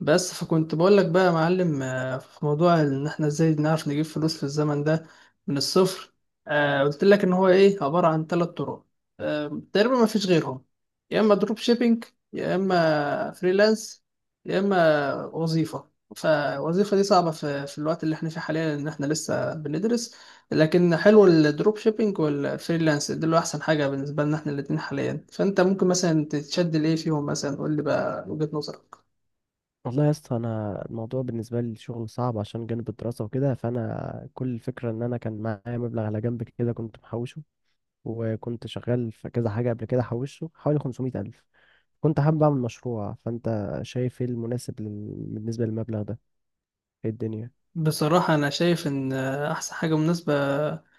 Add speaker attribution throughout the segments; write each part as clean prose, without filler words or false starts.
Speaker 1: بس فكنت بقول لك بقى يا معلم، في موضوع ان احنا ازاي نعرف نجيب فلوس في الزمن ده من الصفر. قلت لك ان هو ايه عبارة عن 3 طرق. تقريبا ما فيش غيرهم. يا اما دروب شيبينج، يا اما فريلانس، يا اما وظيفة. فالوظيفة دي صعبة في الوقت اللي احنا فيه حاليا، ان احنا لسه بندرس. لكن حلو الدروب شيبينج والفريلانس، دول احسن حاجة بالنسبة لنا احنا الاتنين حاليا. فانت ممكن مثلا تتشد لايه فيهم؟ مثلا قول لي بقى وجهة نظرك.
Speaker 2: والله يا اسطى، انا الموضوع بالنسبه لي الشغل صعب عشان جانب الدراسه وكده. فانا كل الفكره ان انا كان معايا مبلغ على جنب كده كنت محوشه. وكنت شغال في كذا حاجه قبل كده حوشه حوالي 500 الف. كنت حابب اعمل مشروع. فانت شايف ايه المناسب بالنسبه للمبلغ ده؟ ايه الدنيا؟
Speaker 1: بصراحة أنا شايف إن أحسن حاجة مناسبة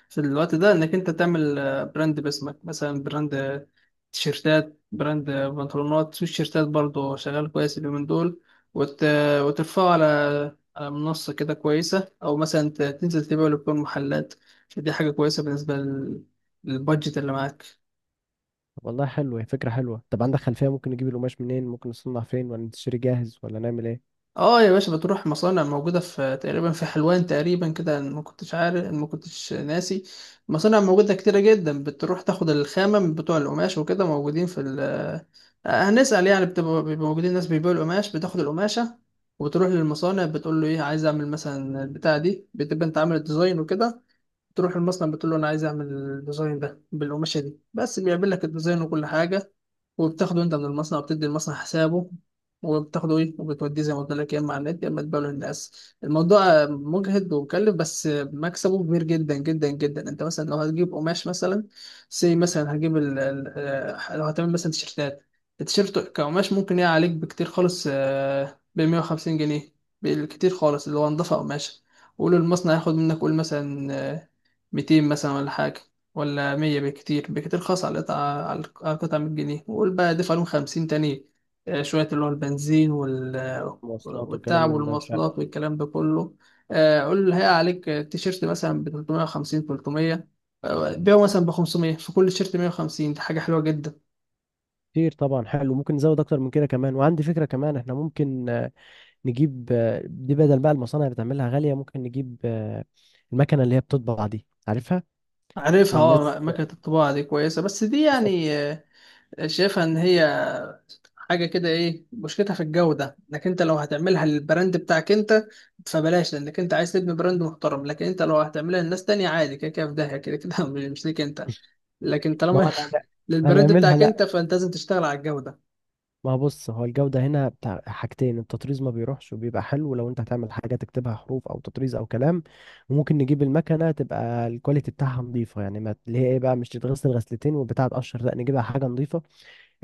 Speaker 1: في الوقت ده إنك أنت تعمل براند باسمك، مثلا براند تيشيرتات، براند بنطلونات. في تيشيرتات برضه شغال كويس اليومين دول. وت... وترفعه على منصة كده كويسة، أو مثلا تنزل تبيعه لكل المحلات. فدي حاجة كويسة بالنسبة للبادجت اللي معاك.
Speaker 2: والله حلوه، هي فكره حلوه. طب عندك خلفيه ممكن نجيب القماش منين؟ ممكن نصنع فين، ولا نشتري جاهز، ولا نعمل ايه؟
Speaker 1: اه يا باشا، بتروح مصانع موجودة في تقريبا في حلوان تقريبا كده. أنا ما كنتش ناسي. مصانع موجودة كتيرة جدا، بتروح تاخد الخامة من بتوع القماش وكده، موجودين في ال آه، هنسأل يعني، بيبقوا موجودين ناس بيبيعوا القماش. بتاخد القماشة وبتروح للمصانع، بتقول له ايه، عايز اعمل مثلا البتاع دي. بتبقى انت عامل الديزاين وكده، تروح المصنع بتقول له انا عايز اعمل الديزاين ده بالقماشة دي بس. بيعمل لك الديزاين وكل حاجة، وبتاخده انت من المصنع وبتدي المصنع حسابه، وبتاخده ايه وبتوديه زي ما قلت لك، يا اما على النت يا اما تبيعه للناس. الموضوع مجهد ومكلف بس مكسبه كبير جدا جدا جدا. انت مثلا لو هتجيب قماش، مثلا سي، مثلا هتجيب ال... ال... آه، لو هتعمل مثلا تيشيرتات، التيشيرت كقماش ممكن يقع عليك بكتير خالص ب 150 جنيه. بالكتير خالص اللي هو نضافة قماش. قول المصنع ياخد منك قول مثلا 200 مثلا ولا حاجة، ولا 100. بكتير بكتير خاص على القطعة، على القطعة 100 جنيه. وقول بقى دفع لهم 50 تاني شوية، اللي هو البنزين
Speaker 2: مواصلات وكلام
Speaker 1: والتعب
Speaker 2: من ده، مش عارف.
Speaker 1: والمواصلات والكلام ده كله. قول هي عليك تيشيرت مثلا ب 350، 300. بيعه مثلا ب 500. في كل تيشيرت 150، دي حاجة حلوة جدا.
Speaker 2: كتير طبعا. حلو، ممكن نزود اكتر من كده كمان. وعندي فكره كمان، احنا ممكن نجيب دي. بدل بقى المصانع بتعملها غالية، ممكن نجيب المكنة اللي هي بتطبع دي، عارفها؟
Speaker 1: عارفها.
Speaker 2: والناس.
Speaker 1: اه، مكنة الطباعة دي كويسة بس دي
Speaker 2: بالظبط.
Speaker 1: يعني شايفها إن هي حاجة كده ايه، مشكلتها في الجودة. انك انت لو هتعملها للبراند بتاعك انت فبلاش، لانك انت عايز تبني براند محترم. لكن انت لو هتعملها لناس تانية عادي، كده كده في داهية، كده كده مش ليك انت. لكن
Speaker 2: ما هو
Speaker 1: طالما للبراند
Speaker 2: هنعملها.
Speaker 1: بتاعك
Speaker 2: لا.
Speaker 1: انت، فانت لازم تشتغل على الجودة.
Speaker 2: ما هو بص، هو الجودة هنا بتاع حاجتين: التطريز ما بيروحش وبيبقى حلو لو انت هتعمل حاجة تكتبها حروف او تطريز او كلام. وممكن نجيب المكنة تبقى الكواليتي بتاعها نظيفة يعني، ما اللي هي ايه بقى، مش تتغسل غسلتين والبتاعة تقشر، لا نجيبها حاجة نظيفة.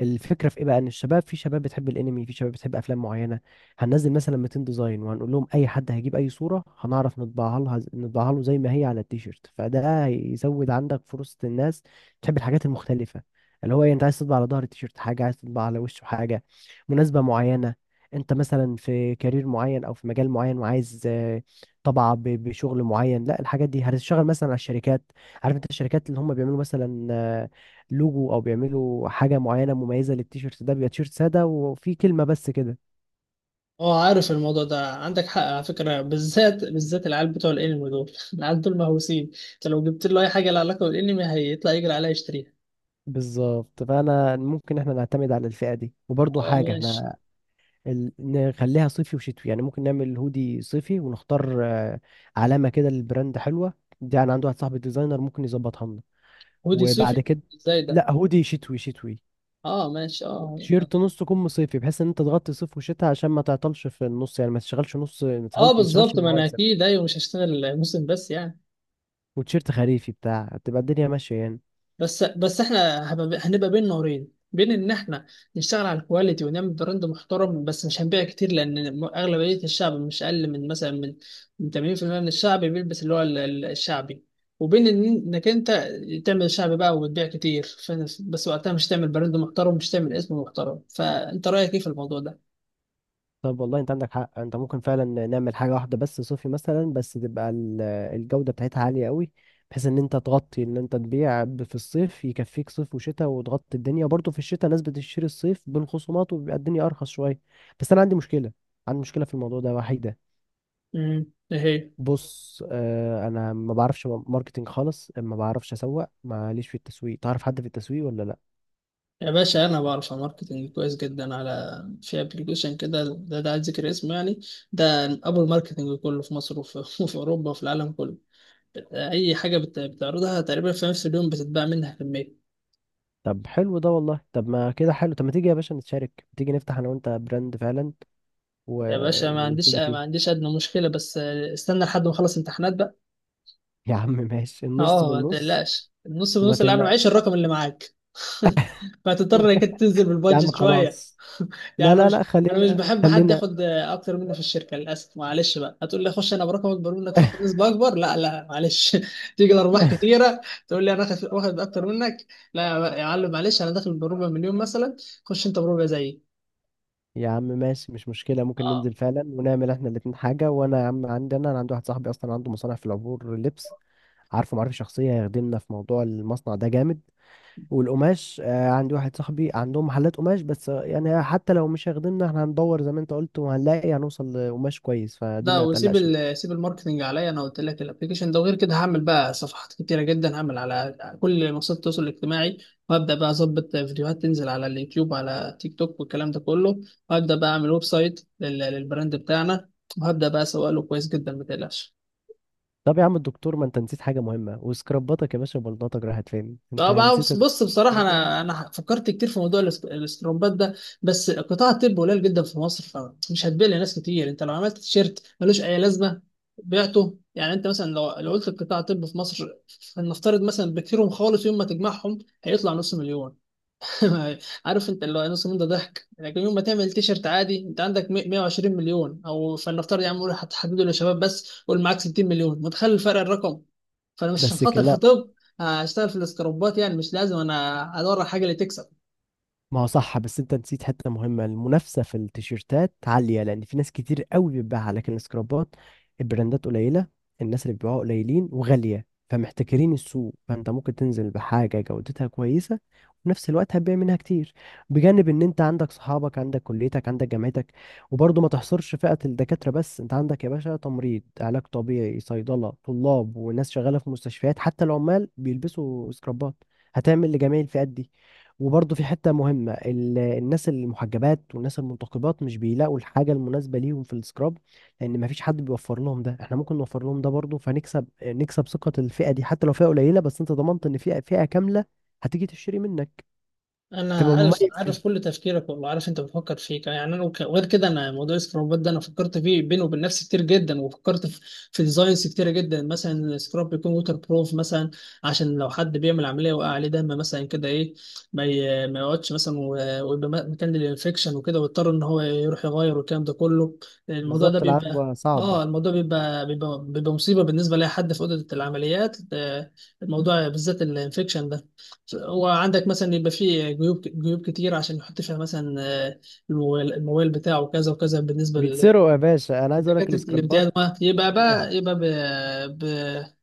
Speaker 2: الفكره في ايه بقى؟ ان الشباب، في شباب بتحب الانمي، في شباب بتحب افلام معينه. هننزل مثلا 200 ديزاين وهنقول لهم اي حد هيجيب اي صوره هنعرف نطبعها لها، نطبعها له زي ما هي على التيشيرت. فده هيزود عندك فرصه، الناس تحب الحاجات المختلفه. اللي هو إيه، انت عايز تطبع على ظهر التيشيرت حاجه، عايز تطبع على وشه حاجه، مناسبه معينه. انت مثلا في كارير معين او في مجال معين وعايز طبعة بشغل معين. لا، الحاجات دي هتشتغل مثلا على الشركات. عارف انت الشركات اللي هم بيعملوا مثلا لوجو او بيعملوا حاجه معينه مميزه للتيشيرت، ده بيبقى تيشيرت ساده وفي كلمه بس كده.
Speaker 1: اه، عارف الموضوع ده، عندك حق على فكرة. بالذات بالذات العيال بتوع الانمي دول العيال دول مهووسين. انت لو جبت له اي حاجة لها علاقة بالانمي هيطلع يجري عليها يشتريها.
Speaker 2: بالظبط. فانا ممكن احنا نعتمد على الفئه دي. وبرضو
Speaker 1: اه
Speaker 2: حاجه،
Speaker 1: ماشي.
Speaker 2: احنا نخليها صيفي وشتوي، يعني ممكن نعمل هودي صيفي ونختار علامه كده للبراند حلوه. دي انا عندي واحد صاحبي ديزاينر ممكن يظبطها لنا.
Speaker 1: هودي صيفي؟
Speaker 2: وبعد كده،
Speaker 1: ازاي ده؟
Speaker 2: لا هودي شتوي شتوي.
Speaker 1: اه ماشي اه.
Speaker 2: تيشيرت نص كم صيفي، بحيث ان انت تغطي صيف وشتاء، عشان ما تعطلش في النص، يعني ما تشغلش نص، ما
Speaker 1: اه
Speaker 2: تشغلش ما تشغلش
Speaker 1: بالظبط، ما انا
Speaker 2: المواسم.
Speaker 1: اكيد ايوه، مش هشتغل موسم بس يعني.
Speaker 2: وتيشيرت خريفي بتاع تبقى الدنيا ماشيه يعني.
Speaker 1: بس احنا هنبقى بين نارين، بين ان احنا نشتغل على الكواليتي ونعمل براند محترم بس مش هنبيع كتير، لان اغلبيه الشعب، مش اقل من مثلا من من 80% من الشعب بيلبس اللي هو الشعبي، وبين انك انت تعمل شعبي بقى وتبيع كتير. بس وقتها مش تعمل براند محترم، مش تعمل اسم محترم. فانت رايك ايه في الموضوع ده؟
Speaker 2: طب والله انت عندك حق، انت ممكن فعلا نعمل حاجه واحده بس صوفي مثلا، بس تبقى الجوده بتاعتها عاليه قوي، بحيث ان انت تغطي، ان انت تبيع في الصيف يكفيك صيف وشتاء وتغطي الدنيا برضه. في الشتاء ناس بتشتري الصيف بين خصومات وبيبقى الدنيا ارخص شويه. بس انا عندي مشكله، عندي مشكله في الموضوع ده وحيده.
Speaker 1: امم.
Speaker 2: بص، اه انا ما بعرفش ماركتينج خالص، ما بعرفش اسوق، ماليش في التسويق. تعرف حد في التسويق ولا لا؟
Speaker 1: يا باشا، انا بعرف على ماركتنج كويس جدا، على في ابلكيشن كده ده عايز ذكر اسمه يعني. ده ابو الماركتنج كله في مصر وفي اوروبا وفي العالم كله. اي حاجه بتعرضها تقريبا في نفس اليوم بتتباع منها كميه.
Speaker 2: طب حلو ده والله. طب ما كده حلو. طب ما تيجي يا باشا نتشارك، تيجي نفتح انا وانت براند فعلا و...
Speaker 1: يا باشا، ما عنديش
Speaker 2: ونبتدي
Speaker 1: ما
Speaker 2: فيه.
Speaker 1: عنديش ادنى مشكله بس استنى لحد ما اخلص امتحانات بقى.
Speaker 2: يا عم ماشي، النص
Speaker 1: اه ما
Speaker 2: بالنص.
Speaker 1: تقلقش، النص
Speaker 2: وما
Speaker 1: بنص، اللي انا
Speaker 2: تقلق
Speaker 1: معيش الرقم اللي معاك. فهتضطر انك إنت تنزل
Speaker 2: يا عم،
Speaker 1: بالبادجت شويه،
Speaker 2: خلاص.
Speaker 1: يعني
Speaker 2: لا
Speaker 1: انا
Speaker 2: لا لا،
Speaker 1: مش انا مش
Speaker 2: خلينا
Speaker 1: بحب حد
Speaker 2: خلينا.
Speaker 1: ياخد اكتر مني في الشركه، للاسف معلش بقى. هتقول لي خش انا برقم اكبر منك فاخد نسبه اكبر؟ لا لا معلش تيجي الارباح كتيره تقول لي انا اخد واخد اكتر منك. لا. يا معلم معلش، انا داخل بربع مليون مثلا، خش انت بربع زيي.
Speaker 2: يا عم ماشي، مش مشكلة، ممكن ننزل فعلا ونعمل احنا الاتنين حاجة. وانا يا عم عندي، انا عندي واحد صاحبي اصلا عنده مصنع في العبور لبس، عارفه معرفة شخصية، هيخدمنا في موضوع المصنع ده جامد. والقماش آه، عندي واحد صاحبي عندهم محلات قماش، بس يعني حتى لو مش هيخدمنا احنا هندور زي ما انت قلت، هنوصل لقماش كويس، فدي
Speaker 1: لا،
Speaker 2: ما
Speaker 1: وسيب
Speaker 2: تقلقش.
Speaker 1: ال سيب الماركتنج عليا. انا قلت لك الابلكيشن ده، وغير كده هعمل بقى صفحات كتيره جدا، هعمل على كل منصات التواصل الاجتماعي. وهبدا بقى اظبط فيديوهات تنزل على اليوتيوب، على تيك توك والكلام ده كله. وهبدا بقى اعمل ويب سايت للبراند بتاعنا، وهبدا بقى اسوق له كويس جدا، ما تقلقش.
Speaker 2: طب يا عم الدكتور، ما انت نسيت حاجة مهمة، وسكرباتك يا باشا، بلطتك راحت فين؟
Speaker 1: اه
Speaker 2: انت
Speaker 1: بقى،
Speaker 2: نسيت
Speaker 1: بص بص بصراحة، أنا فكرت كتير في موضوع الاسترومبات ده. بس قطاع الطب قليل جدا في مصر، فمش هتبيع لناس كتير. أنت لو عملت تيشيرت ملوش أي لازمة بعته يعني. أنت مثلا لو قلت قطاع الطب في مصر، فلنفترض مثلا بكثيرهم خالص يوم ما تجمعهم هيطلع نص مليون. عارف انت اللي هو النص ده ضحك، لكن يوم ما تعمل تيشرت عادي، انت عندك 120 مليون. او فلنفترض يا عم قول هتحدده للشباب بس، قول معاك 60 مليون، متخيل الفرق الرقم؟ فانا مش عشان
Speaker 2: بس
Speaker 1: خاطر في
Speaker 2: كلام.
Speaker 1: طب هشتغل في الاسكروبات، يعني مش لازم انا ادور على حاجه اللي تكسب.
Speaker 2: ما هو صح، بس انت نسيت حته مهمه، المنافسه في التيشيرتات عاليه لان في ناس كتير قوي بتبيعها، لكن السكرابات البراندات قليله، الناس اللي بيبيعوها قليلين وغاليه، فمحتكرين السوق. فانت ممكن تنزل بحاجه جودتها كويسه، وفي نفس الوقت هتبيع منها كتير. بجانب ان انت عندك صحابك، عندك كليتك، عندك جامعتك. وبرضه ما تحصرش فئه الدكاتره بس، انت عندك يا باشا تمريض، علاج طبيعي، صيدله، طلاب، وناس شغاله في مستشفيات، حتى العمال بيلبسوا سكرابات. هتعمل لجميع الفئات دي. وبرضه في حتة مهمة، الناس المحجبات والناس المنتقبات مش بيلاقوا الحاجة المناسبة ليهم في السكراب، لأن مفيش حد بيوفر لهم ده. احنا ممكن نوفر لهم ده برضه، فنكسب ثقة الفئة دي. حتى لو فئة قليلة، بس انت ضمنت ان فئة كاملة هتيجي تشتري منك.
Speaker 1: انا
Speaker 2: هتبقى
Speaker 1: عارف
Speaker 2: مميز
Speaker 1: عارف
Speaker 2: فيه.
Speaker 1: كل تفكيرك، والله عارف انت بتفكر فيه يعني انا وغير كده. انا موضوع السكرابات ده انا فكرت فيه بيني وبين نفسي كتير جدا، وفكرت في ديزاينز كتيره جدا. مثلا سكراب بيكون ووتر بروف مثلا، عشان لو حد بيعمل عمليه وقع عليه دم مثلا كده ايه، ما يقعدش مثلا ويبقى مكان للانفكشن وكده، ويضطر ان هو يروح يغير والكلام ده كله. الموضوع ده
Speaker 2: بالظبط،
Speaker 1: بيبقى،
Speaker 2: العدوى صعبة.
Speaker 1: اه الموضوع بيبقى مصيبه بالنسبه لاي حد في اوضه العمليات الموضوع بالذات الانفكشن. وعندك مثلا يبقى فيه جيوب جيوب كتير، عشان يحط فيها مثلا آه، الموبايل بتاعه كذا وكذا، بالنسبه
Speaker 2: بيتسرقوا يا باشا، انا عايز اقول لك
Speaker 1: لدكاتره
Speaker 2: السكرابات.
Speaker 1: الامتياز، ما يبقى بقى يبقى ب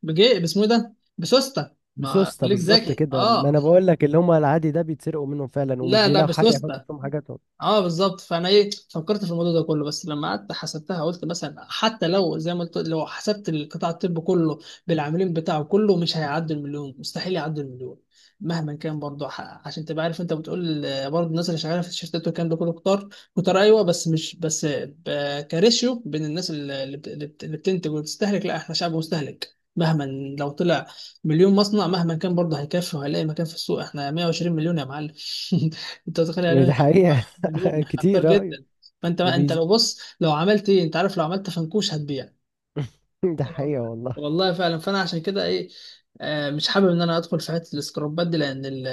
Speaker 1: بجي باسمه إيه ده، بسوسته. ما
Speaker 2: بسوسته.
Speaker 1: خليك
Speaker 2: بالظبط
Speaker 1: ذكي
Speaker 2: كده. ما
Speaker 1: اه.
Speaker 2: انا بقول لك، اللي هم العادي ده بيتسرقوا منهم فعلا، ومش
Speaker 1: لا لا
Speaker 2: بيلاقوا حاجه يحطوا
Speaker 1: بسوسته.
Speaker 2: فيهم حاجاتهم.
Speaker 1: اه بالظبط. فانا ايه فكرت في الموضوع ده كله، بس لما قعدت حسبتها قلت مثلا حتى لو زي ما قلت لو حسبت القطاع الطبي كله بالعاملين بتاعه كله مش هيعدي المليون، مستحيل يعدي المليون مهما كان. برضه عشان تبقى عارف، انت بتقول برضه الناس اللي شغاله في الشركات والكلام ده كله كتار، كتار ايوه. بس مش بس كريشيو بين الناس اللي بتنتج وبتستهلك. لا احنا شعب مستهلك مهما، لو طلع مليون مصنع مهما كان برضه هيكفي وهيلاقي مكان في السوق، احنا 120 مليون يا معلم انت متخيل يعني
Speaker 2: يعني دي
Speaker 1: إيه؟
Speaker 2: حقيقه.
Speaker 1: مليون خطير
Speaker 2: كتير. ايوه.
Speaker 1: جدا. فانت ما انت لو بص لو عملت ايه، انت عارف لو عملت فنكوش هتبيع.
Speaker 2: ده
Speaker 1: آه.
Speaker 2: حقيقة والله.
Speaker 1: والله فعلا، فانا عشان كده ايه مش حابب ان انا ادخل في حته السكرابات دي، لان ال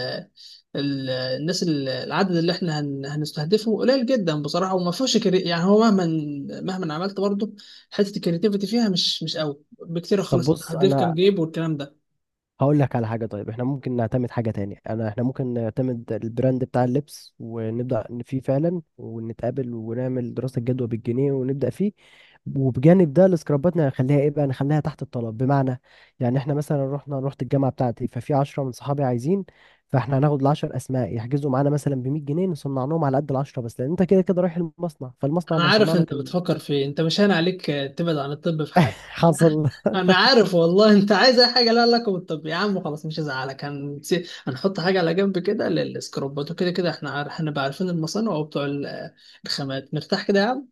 Speaker 1: ال الناس، العدد اللي احنا هنستهدفه قليل جدا بصراحه، وما فيهوش يعني هو مهما عملت برضه، حته الكريتيفيتي فيها مش قوي بكتير
Speaker 2: طب
Speaker 1: خالص،
Speaker 2: بص،
Speaker 1: هتضيف كام
Speaker 2: انا
Speaker 1: جيب والكلام ده.
Speaker 2: هقول لك على حاجة. طيب احنا ممكن نعتمد حاجة تاني، انا احنا ممكن نعتمد البراند بتاع اللبس ونبدأ فيه فعلا، ونتقابل ونعمل دراسة جدوى بالجنيه ونبدأ فيه. وبجانب ده السكرابات نخليها ايه بقى، نخليها تحت الطلب. بمعنى يعني احنا مثلا رحت الجامعة بتاعتي، ففي عشرة من صحابي عايزين، فاحنا هناخد العشر اسماء يحجزوا معانا مثلا ب 100 جنيه، نصنع لهم على قد العشرة بس، لان انت كده كده رايح المصنع، فالمصنع
Speaker 1: انا
Speaker 2: اللي هيصنع
Speaker 1: عارف انت
Speaker 2: لك
Speaker 1: بتفكر في إيه. انت مش هان عليك تبعد عن الطب في حاجه؟ انا
Speaker 2: حصل.
Speaker 1: أنا عارف والله انت عايز اي حاجه لها علاقه بالطب. يا عم خلاص مش هزعلك، هنحط حاجه على جنب كده للسكروبات. وكده كده احنا هنبقى عارفين المصانع وبتوع الخامات، مرتاح كده يا عم.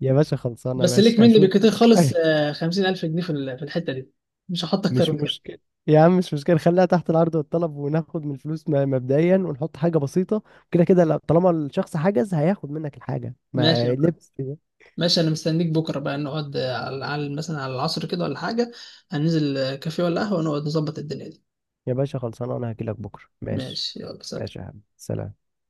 Speaker 2: يا باشا خلصانة،
Speaker 1: بس ليك
Speaker 2: ماشي
Speaker 1: مني بكتير
Speaker 2: هشوفك.
Speaker 1: خالص 50000 جنيه في في الحته دي، مش هحط اكتر
Speaker 2: مش
Speaker 1: من كده.
Speaker 2: مشكلة. يا عم مش مشكلة، خليها تحت العرض والطلب، وناخد من الفلوس مبدئيا ونحط حاجة بسيطة. كده كده، طالما الشخص حجز هياخد منك الحاجة
Speaker 1: ماشي يا
Speaker 2: ما
Speaker 1: معلم.
Speaker 2: لبس.
Speaker 1: ماشي، انا مستنيك بكره بقى نقعد على مثلا على العصر كده ولا حاجه، هننزل كافيه ولا قهوه ونقعد نظبط الدنيا دي.
Speaker 2: يا باشا خلصانة، أنا هجيلك بكرة ماشي.
Speaker 1: ماشي يلا سلام.
Speaker 2: ماشي يا حبيبي، سلام.